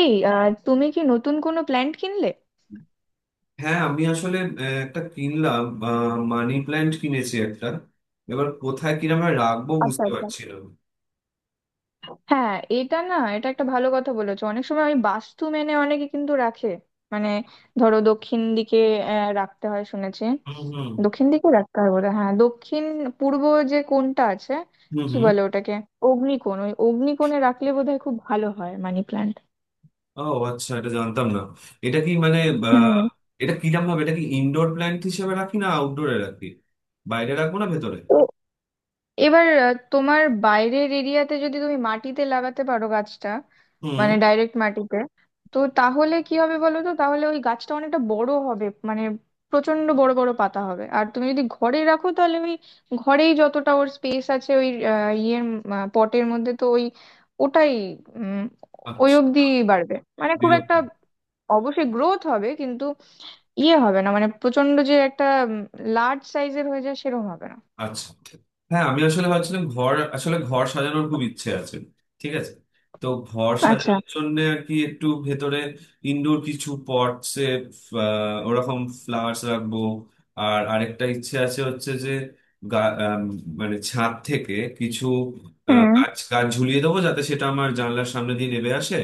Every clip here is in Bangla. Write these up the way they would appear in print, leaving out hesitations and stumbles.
তুমি কি নতুন কোনো প্ল্যান্ট কিনলে? হ্যাঁ, আমি আসলে একটা কিনলাম। মানি প্ল্যান্ট কিনেছি একটা। এবার কোথায় কিরমে রাখবো আচ্ছা বুঝতে আচ্ছা। পারছি না। হ্যাঁ এটা না, এটা একটা ভালো কথা বলেছো। অনেক সময় ওই বাস্তু মেনে অনেকে কিন্তু রাখে। মানে, ধরো দক্ষিণ দিকে রাখতে হয় শুনেছি। হুম হুম দক্ষিণ দিকে রাখতে হয় বলে, হ্যাঁ দক্ষিণ পূর্ব যে কোণটা আছে, হুম কি হুম বলে ওটাকে, অগ্নিকোণ। ওই অগ্নিকোণে রাখলে বোধহয় খুব ভালো হয় মানি প্ল্যান্ট। ও, আচ্ছা, এটা জানতাম না। এটা কি মানে আহ, হুম। এটা কিরম ভাবে, এটা কি ইনডোর প্ল্যান্ট হিসেবে রাখি না আউটডোরে রাখি? বাইরে রাখবো না ভেতরে? তো এবার তোমার বাইরের এরিয়াতে যদি তুমি মাটিতে লাগাতে পারো গাছটা, হুম। মানে ডাইরেক্ট মাটিতে, তো তাহলে কি হবে বলো তো, তাহলে ওই গাছটা অনেকটা বড় হবে। মানে প্রচন্ড বড় বড় পাতা হবে। আর তুমি যদি ঘরে রাখো তাহলে ওই ঘরেই যতটা ওর স্পেস আছে, ওই ইয়ের পটের মধ্যে, তো ওই ওটাই উম, ওই আচ্ছা। অবধি বাড়বে। মানে খুব বিরক্ত। একটা, অবশ্যই গ্রোথ হবে কিন্তু ইয়ে হবে না, মানে প্রচন্ড যে একটা লার্জ সাইজের হয়ে যায় সেরকম হবে না। আচ্ছা। হ্যাঁ, আমি আসলে ভাবছিলাম ঘর, আসলে ঘর সাজানোর খুব ইচ্ছে আছে। ঠিক আছে, তো ঘর আচ্ছা। সাজানোর জন্য আর কি একটু ভেতরে ইনডোর কিছু পটসে ওরকম ফ্লাওয়ার্স রাখবো। আর আরেকটা ইচ্ছে আছে হচ্ছে যে গা- আম, মানে ছাদ থেকে কিছু হুম গাছ গাছ ঝুলিয়ে দেবো যাতে সেটা আমার জানলার সামনে দিয়ে নেবে আসে।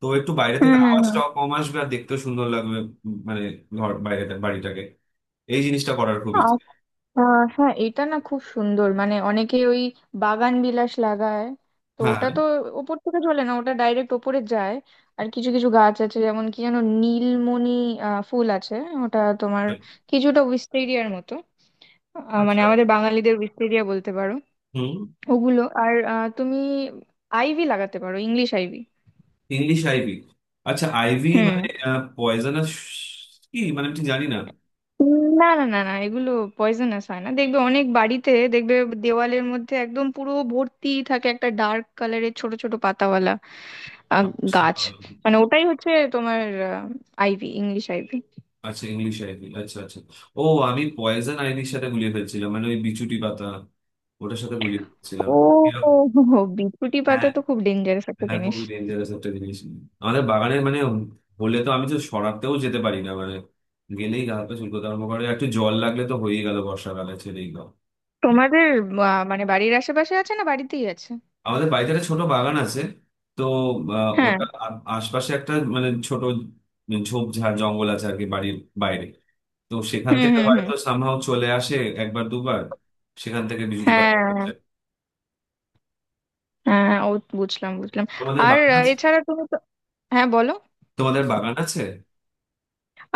তো একটু বাইরে হুম থেকে হুম হুম আওয়াজটাও কম আসবে আর দেখতেও সুন্দর লাগবে। মানে ঘর বাইরে বাড়িটাকে এই জিনিসটা করার খুব ইচ্ছে। আর হ্যাঁ এটা না খুব সুন্দর, মানে অনেকে ওই বাগান বিলাস লাগায়। তো হ্যাঁ। ওটা তো ওপর থেকে চলে না, ওটা ডাইরেক্ট ওপরে যায়। আর কিছু কিছু গাছ আছে যেমন, কি যেন, নীলমণি ফুল আছে, ওটা তোমার কিছুটা উইস্টেরিয়ার মতো। মানে আচ্ছা। আমাদের বাঙালিদের উইস্টেরিয়া বলতে পারো। হুম। ওগুলো, আর তুমি আইভি লাগাতে পারো, ইংলিশ আইভি। English ivy. আচ্ছা, আইভি হুম। মানে পয়জনাস কি মানে, আমি ঠিক জানি না। না না না না, এগুলো পয়জনাস হয় না। দেখবে অনেক বাড়িতে দেখবে দেওয়ালের মধ্যে একদম পুরো ভর্তি থাকে একটা ডার্ক কালারের ছোট ছোট পাতাওয়ালা আহ, আচ্ছা গাছ। মানে ওটাই হচ্ছে তোমার আইভি, ইংলিশ আইভি। আচ্ছা, ইংলিশ আইভি, আচ্ছা আচ্ছা। ও, আমি পয়জন আইভির সাথে গুলিয়ে ফেলছিলাম, মানে ওই বিচুটি পাতা, ওটার সাথে গুলিয়ে ফেলছিলাম, ও। এরকম। হো, হো, বিছুটি পাতা হ্যাঁ। তো খুব ডেঞ্জারাস একটা হ্যাঁ, জিনিস। খুবই ডেঞ্জারাস একটা জিনিস। আমাদের বাগানে মানে হলে তো আমি তো সরাতেও যেতে পারি না, মানে গেলেই গা হাত পা চুলকোতে আরম্ভ করে, একটু জল লাগলে তো হয়েই গেল, বর্ষাকালে ছেড়েই গেল। তোমাদের মানে বাড়ির আশেপাশে আছে, না বাড়িতেই আছে? আমাদের বাড়িতে একটা ছোট বাগান আছে। তো হ্যাঁ। ওটা আশপাশে একটা মানে ছোট ঝোপঝাড় জঙ্গল আছে আর কি বাড়ির বাইরে। তো সেখান হুম থেকে হুম হুম। হয়তো সামহাও চলে আসে একবার দুবার, সেখান থেকে বিজুটি পাতা করতে। হ্যাঁ হ্যাঁ, ও বুঝলাম বুঝলাম। তোমাদের আর বাগান আছে? এছাড়া তুমি তো, হ্যাঁ বলো। তোমাদের বাগান আছে?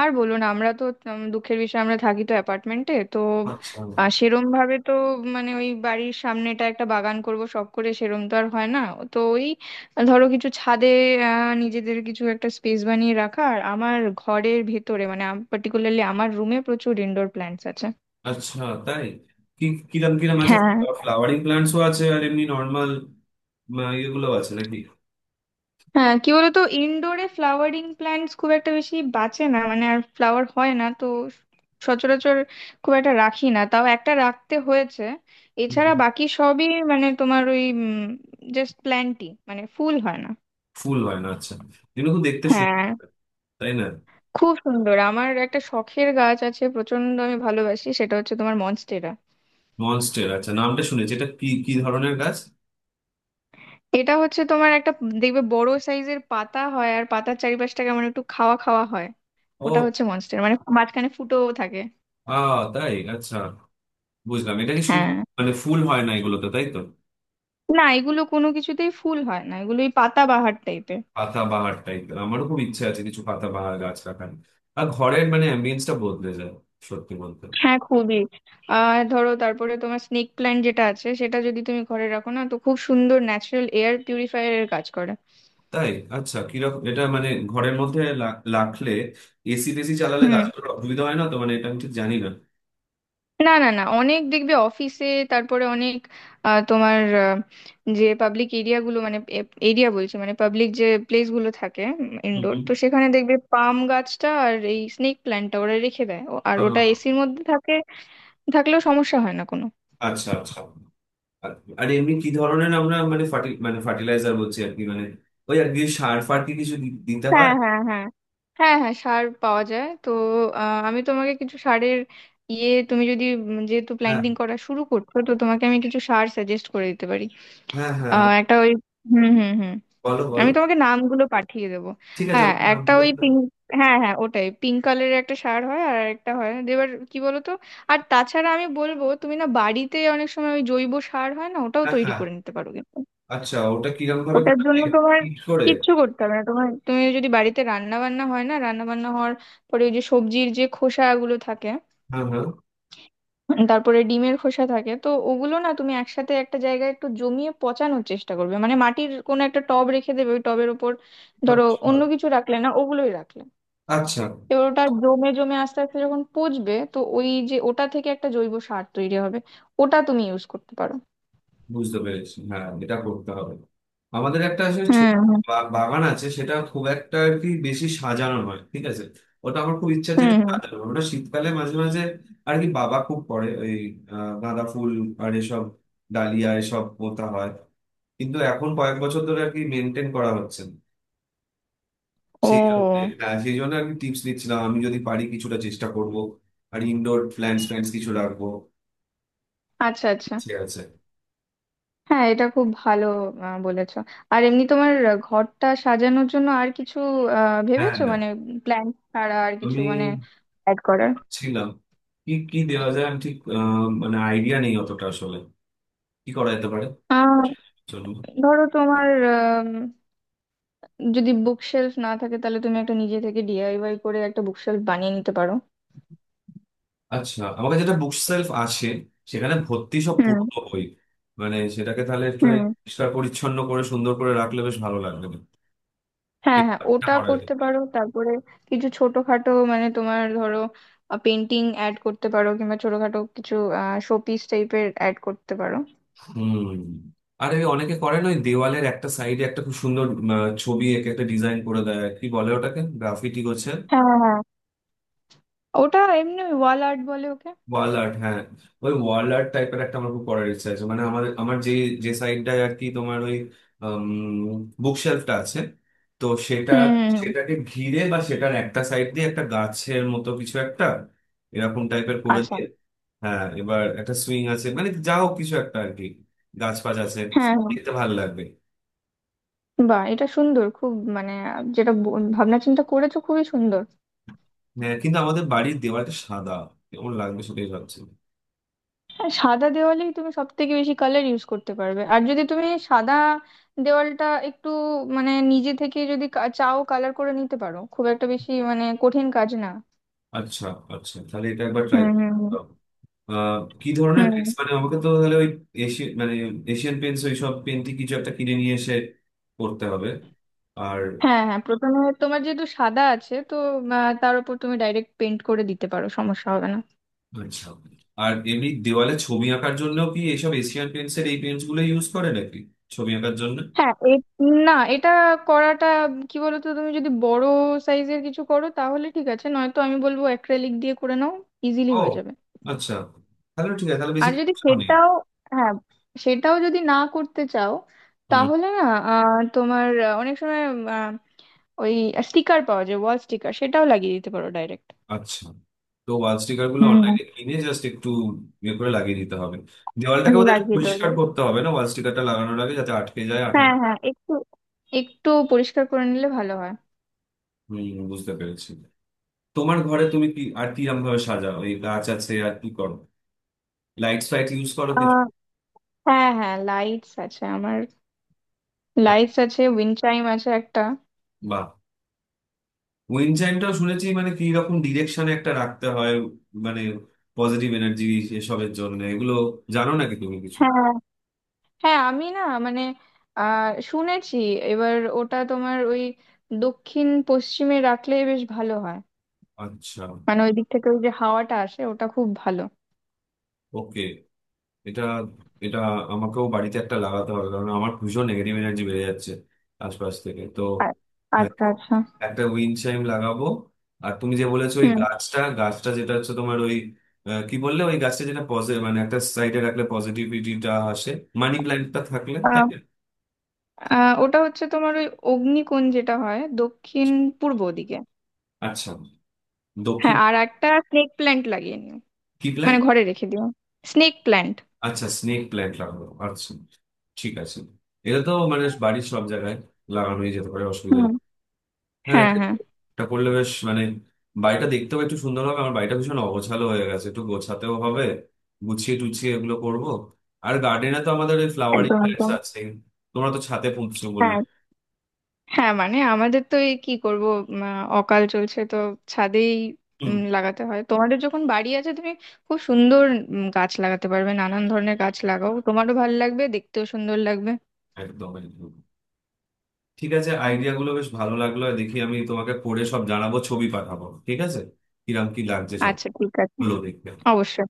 আর বলুন, আমরা তো দুঃখের বিষয় আমরা থাকি তো অ্যাপার্টমেন্টে, তো আচ্ছা সেরম ভাবে তো, মানে ওই বাড়ির সামনেটা একটা বাগান করব শখ করে, সেরম তো আর হয় না। তো ওই, ধরো কিছু ছাদে নিজেদের কিছু একটা স্পেস বানিয়ে রাখা, আর আমার ঘরের ভেতরে, মানে পার্টিকুলারলি আমার রুমে প্রচুর ইনডোর প্ল্যান্টস আছে। আচ্ছা। তাই? কি কিরম কিরম আছে? হ্যাঁ। ফ্লাওয়ারিং প্ল্যান্টসও আছে আর এমনি নর্মাল ইয়েগুলো আছে নাকি? হ্যাঁ কি বলতো, ইনডোরে ফ্লাওয়ারিং প্ল্যান্টস খুব একটা বেশি বাঁচে না, মানে আর ফ্লাওয়ার হয় না তো সচরাচর। খুব একটা রাখি না, তাও একটা রাখতে হয়েছে। হুম। এছাড়া বাকি সবই মানে তোমার ওই জাস্ট প্ল্যান্টই, মানে ফুল হয় না। ফুল হয় না, আচ্ছা। এগুলো তো দেখতে সুন্দর, হ্যাঁ তাই না? খুব সুন্দর। আমার একটা শখের গাছ আছে, প্রচন্ড আমি ভালোবাসি, সেটা হচ্ছে তোমার মনস্টেরা। মনস্টের, আচ্ছা, নামটা শুনেছি। এটা কি কি ধরনের গাছ? এটা হচ্ছে তোমার একটা, দেখবে বড় সাইজের পাতা হয় আর পাতার চারিপাশটা কেমন একটু খাওয়া খাওয়া হয়। ও। ওটা হচ্ছে মনস্টেরা, মানে মাঝখানে ফুটোও থাকে। আ, তাই, আচ্ছা। বুঝলাম, এটা কি শুধু হ্যাঁ। মানে ফুল হয় না এগুলোতে, তাই তো? না এগুলো কোনো কিছুতেই ফুল হয় না, এগুলো ওই পাতাবাহার টাইপের। পাতাবাহার টাইপ আমারও খুব ইচ্ছে আছে কিছু পাতাবাহার গাছ রাখার। আর ঘরের মানে অ্যাম্বিয়েন্সটা বদলে যায় সত্যি বলতে। হ্যাঁ খুবই। আর ধরো তারপরে তোমার স্নেক প্ল্যান্ট যেটা আছে, সেটা যদি তুমি ঘরে রাখো না, তো খুব সুন্দর ন্যাচারাল এয়ার পিউরিফায়ার এর কাজ করে। তাই? আচ্ছা, কিরকম এটা মানে ঘরের মধ্যে রাখলে এসি টেসি চালালে হুম। গাছগুলোর অসুবিধা হয় না তো? মানে এটা আমি ঠিক জানি না। না না না, অনেক দেখবে অফিসে, তারপরে অনেক আহ, তোমার আহ, যে পাবলিক এরিয়া গুলো, মানে এরিয়া বলছি মানে পাবলিক যে প্লেস গুলো থাকে হুম ইনডোর, হুম। তো সেখানে দেখবে পাম গাছটা আর এই স্নেক প্ল্যান্টটা ওরা রেখে দেয় ও- আর ওটা আহ, এসির মধ্যে থাকে। থাকলেও সমস্যা হয় না কোনো। আচ্ছা আচ্ছা। আর আর এমনি কি ধরনের আমরা মানে মানে ফার্টিলাইজার বলছি আর কি, মানে ওই আর কি সার ফার কি কিছু দিতে হ্যাঁ হয়? হ্যাঁ হ্যাঁ হ্যাঁ হ্যাঁ সার পাওয়া যায় তো। আমি তোমাকে কিছু সারের ইয়ে, তুমি যদি যেহেতু হ্যাঁ প্ল্যান্টিং করা শুরু করছো তো তোমাকে আমি কিছু সার সাজেস্ট করে দিতে পারি। হ্যাঁ হ্যাঁ আহ, একটা ওই হুম হুম হুম। বলো আমি বলো। তোমাকে নামগুলো পাঠিয়ে দেবো। ঠিক আছে, হ্যাঁ আমাকে একটা নামগুলো ওই একটু বলো। পিঙ্ক, হ্যাঁ হ্যাঁ ওটাই, পিঙ্ক কালারের একটা সার হয় আর একটা হয়, এবার কি বলো তো। আর তাছাড়া আমি বলবো তুমি না বাড়িতে অনেক সময় ওই জৈব সার হয় না, ওটাও হ্যাঁ তৈরি হ্যাঁ। করে নিতে পারো। আচ্ছা, ওটা কিরম ভাবে ওটার জন্য তোমার হিট করে? কিচ্ছু করতে হবে না, তোমার তুমি যদি বাড়িতে রান্না বান্না হয় না, রান্না বান্না হওয়ার পরে ওই যে সবজির যে খোসাগুলো থাকে, হ্যাঁ হ্যাঁ। তারপরে ডিমের খোসা থাকে, তো ওগুলো না তুমি একসাথে একটা জায়গায় একটু জমিয়ে পচানোর চেষ্টা করবে। মানে মাটির কোনো একটা টব রেখে দেবে, ওই টবের ওপর ধরো আচ্ছা অন্য কিছু রাখলে না, ওগুলোই রাখলে। আচ্ছা, এবার ওটা জমে জমে আস্তে আস্তে যখন পচবে তো ওই যে ওটা থেকে একটা জৈব সার তৈরি হবে, ওটা তুমি ইউজ করতে পারো। বুঝতে পেরেছি। হ্যাঁ, এটা করতে হবে। আমাদের একটা আসলে ছোট হুম হুম বাগান আছে, সেটা খুব একটা আর কি বেশি সাজানো নয়। ঠিক আছে, ওটা আমার খুব ইচ্ছা আছে হুম এটা হুম। সাজানো। ওটা শীতকালে মাঝে মাঝে আর কি বাবা খুব করে ওই গাঁদা ফুল আর এসব ডালিয়া এসব পোঁতা হয়, কিন্তু এখন কয়েক বছর ধরে আর কি মেনটেন করা হচ্ছে না। সেই জন্য। ও হ্যাঁ সেই জন্য আর কি টিপস দিচ্ছিলাম, আমি যদি পারি কিছুটা চেষ্টা করব। আর ইনডোর প্ল্যান্টস প্ল্যান্টস কিছু রাখবো, আচ্ছা আচ্ছা। ইচ্ছে আছে। হ্যাঁ এটা খুব ভালো বলেছো। আর এমনি তোমার ঘরটা সাজানোর জন্য আর কিছু হ্যাঁ ভেবেছো, মানে প্ল্যান ছাড়া আর কিছু, তুমি মানে অ্যাড করার? ছিলাম। কি কি দেওয়া যায় আমি ঠিক মানে আইডিয়া নেই অতটা আসলে কি করা যেতে পারে। আহ, চলুন। ধরো তোমার আম, যদি বুকশেলফ না থাকে, তাহলে তুমি একটা নিজে থেকে ডিআইওয়াই করে একটা বুকশেলফ বানিয়ে নিতে পারো। আচ্ছা, আমার কাছে যেটা বুক সেলফ আছে সেখানে ভর্তি সব হুম পুরনো বই। মানে সেটাকে তাহলে একটু হুম। পরিষ্কার পরিচ্ছন্ন করে সুন্দর করে রাখলে বেশ ভালো লাগবে। হ্যাঁ এটা হ্যাঁ এটা ওটা করা যেতে। করতে পারো। তারপরে কিছু ছোটখাটো মানে তোমার ধরো পেন্টিং অ্যাড করতে পারো, কিংবা ছোটখাটো কিছু শোপিস টাইপের অ্যাড করতে পারো। হুম। আর এই অনেকে করে না ওই দেওয়ালের একটা সাইডে একটা খুব সুন্দর ছবি এঁকে একটা ডিজাইন করে দেয়, আর কি বলে ওটাকে গ্রাফিটি করছে। হ্যাঁ। ওটা এমনি ওয়াল আর্ট বলে ওকে। ওয়াল আর্ট, হ্যাঁ। ওই ওয়াল আর্ট টাইপের একটা আমার খুব করার ইচ্ছা আছে, মানে আমাদের আমার যে যে সাইডটায় আর কি তোমার ওই বুক শেলফটা আছে তো সেটা হুম হুম হুম। সেটাকে ঘিরে বা সেটার একটা সাইড দিয়ে একটা গাছের মতো কিছু একটা এরকম টাইপের করে আচ্ছা। দিয়ে। হ্যাঁ, এবার একটা সুইং আছে মানে যা হোক কিছু একটা আর কি গাছ ফাছ আছে, হ্যাঁ হ্যাঁ। দেখতে ভালো লাগবে। বাহ, এটা সুন্দর খুব, মানে যেটা ভাবনা চিন্তা করেছো খুবই সুন্দর। হ্যাঁ, কিন্তু আমাদের বাড়ির দেওয়ালটা সাদা, কেমন লাগবে সেটাই ভাবছি। হ্যাঁ সাদা দেওয়ালেই তুমি সব থেকে বেশি কালার ইউজ করতে পারবে। আর যদি তুমি সাদা দেওয়ালটা একটু, মানে নিজে থেকে যদি চাও কালার করে নিতে পারো, খুব একটা বেশি মানে কঠিন কাজ না। আচ্ছা আচ্ছা, তাহলে এটা একবার ট্রাই। হুম হুম আহ, কি ধরনের হুম হুম। পেন্টস মানে আমাকে তো তাহলে ওই এশিয়ান মানে এশিয়ান পেন্টস ওই সব পেন্টই কিছু একটা কিনে নিয়ে এসে করতে হবে। আর হ্যাঁ হ্যাঁ, প্রথমে তোমার যেহেতু সাদা আছে তো তার উপর তুমি ডাইরেক্ট পেন্ট করে দিতে পারো, সমস্যা হবে না। আচ্ছা, আর এমনি দেওয়ালে ছবি আঁকার জন্য কি এসব এশিয়ান পেন্টসের এই পেন্টস গুলো ইউজ করে নাকি ছবি আঁকার জন্য? হ্যাঁ এ না, এটা করাটা, কি বলতো, তুমি যদি বড় সাইজের কিছু করো তাহলে ঠিক আছে, নয়তো আমি বলবো অ্যাক্রেলিক দিয়ে করে নাও, ইজিলি ও, হয়ে যাবে। আচ্ছা, তাহলে ঠিক আছে, তাহলে বেশি আর যদি খরচাও নেই। সেটাও, হ্যাঁ সেটাও যদি না করতে চাও, তাহলে না অনেক সময় আহ, ওই স্টিকার পাওয়া যায়, ওয়াল স্টিকার, সেটাও লাগিয়ে দিতে পারো ডাইরেক্ট। আচ্ছা, তো ওয়াল স্টিকার গুলো হুম। অনলাইনে কিনে জাস্ট একটু ইয়ে করে লাগিয়ে দিতে হবে। দেওয়ালটাকে বোধহয় একটু লাগিয়ে দেবো, পরিষ্কার করতে হবে না ওয়াল স্টিকারটা লাগানোর আগে, যাতে আটকে যায় আঠা। হ্যাঁ হ্যাঁ একটু, একটু পরিষ্কার করে নিলে ভালো হয়। হম, বুঝতে পেরেছি। তোমার ঘরে তুমি কি আর কিরম ভাবে সাজাও? এই গাছ আছে, আর কি করো? লাইটস ফাইট ইউজ করো কিছু? আহ, হ্যাঁ হ্যাঁ লাইটস আছে আমার, লাইটস আছে, উইন্ড চাইম আছে একটা। বা, উইন্ড চাইমটাও শুনেছি মানে কি রকম ডিরেকশনে একটা রাখতে হয় মানে পজিটিভ এনার্জি এসবের জন্য এগুলো, জানো নাকি তুমি কিছু? হ্যাঁ হ্যাঁ আমি না মানে শুনেছি। এবার ওটা তোমার ওই দক্ষিণ পশ্চিমে রাখলে বেশ ভালো হয়। আচ্ছা। মানে ওই দিক থেকে ওই যে হাওয়াটা আসে ওটা খুব ভালো। ওকে। এটা এটা আমাকেও বাড়িতে একটা লাগাতে হবে কারণ আমার ভীষণ নেগেটিভ এনার্জি বেড়ে যাচ্ছে আশপাশ থেকে তো। আর- হ্যাঁ, আচ্ছা আচ্ছা। একটা উইন্ড চাইম লাগাবো। আর তুমি যে বলেছো ওই হুম। গাছটা গাছটা যেটা হচ্ছে তোমার ওই কি বললে ওই গাছটা যেটা পজিটিভ মানে একটা সাইডে রাখলে পজিটিভিটিটা আসে, মানি প্ল্যান্টটা থাকলে, তাই আহ, না? আহ, ওটা হচ্ছে তোমার ওই অগ্নিকোণ যেটা হয় দক্ষিণ পূর্ব দিকে। আচ্ছা, দক্ষিণ। হ্যাঁ আর একটা স্নেক প্ল্যান্ট লাগিয়ে নিও, কি প্ল্যান্ট? মানে ঘরে রেখে দিও, স্নেক প্ল্যান্ট। আচ্ছা, স্নেক প্ল্যান্ট লাগাবো, আচ্ছা। ঠিক আছে, এটা তো মানে বাড়ির সব জায়গায় লাগানোই যেতে পারে, অসুবিধা হুম। নেই। হ্যাঁ, হ্যাঁ এটা হ্যাঁ। এটা করলে বেশ মানে বাড়িটা দেখতেও একটু সুন্দর হবে। আমার বাড়িটা ভীষণ অগোছালো হয়ে গেছে, একটু গোছাতেও হবে, গুছিয়ে টুছিয়ে এগুলো করব। আর গার্ডেনে তো আমাদের ওই ফ্লাওয়ারিং একদম প্ল্যান্টস একদম। আছে। তোমরা তো ছাদে পুঁতছো বললে। হ্যাঁ হ্যাঁ, মানে আমাদের তো এই কি করব, উম, অকাল চলছে তো ছাদেই হুম। লাগাতে হয়। তোমাদের যখন বাড়ি আছে তুমি খুব সুন্দর গাছ লাগাতে পারবে, নানান ধরনের গাছ লাগাও, তোমারও ভালো লাগবে, দেখতেও সুন্দর লাগবে। একদম একদম। ঠিক আছে, আইডিয়া গুলো বেশ ভালো লাগলো। দেখি আমি তোমাকে পড়ে সব জানাবো, ছবি পাঠাবো, ঠিক আছে? কিরাম কি লাগছে সব আচ্ছা ঠিক আছে। গুলো দেখবে। অবশ্যই।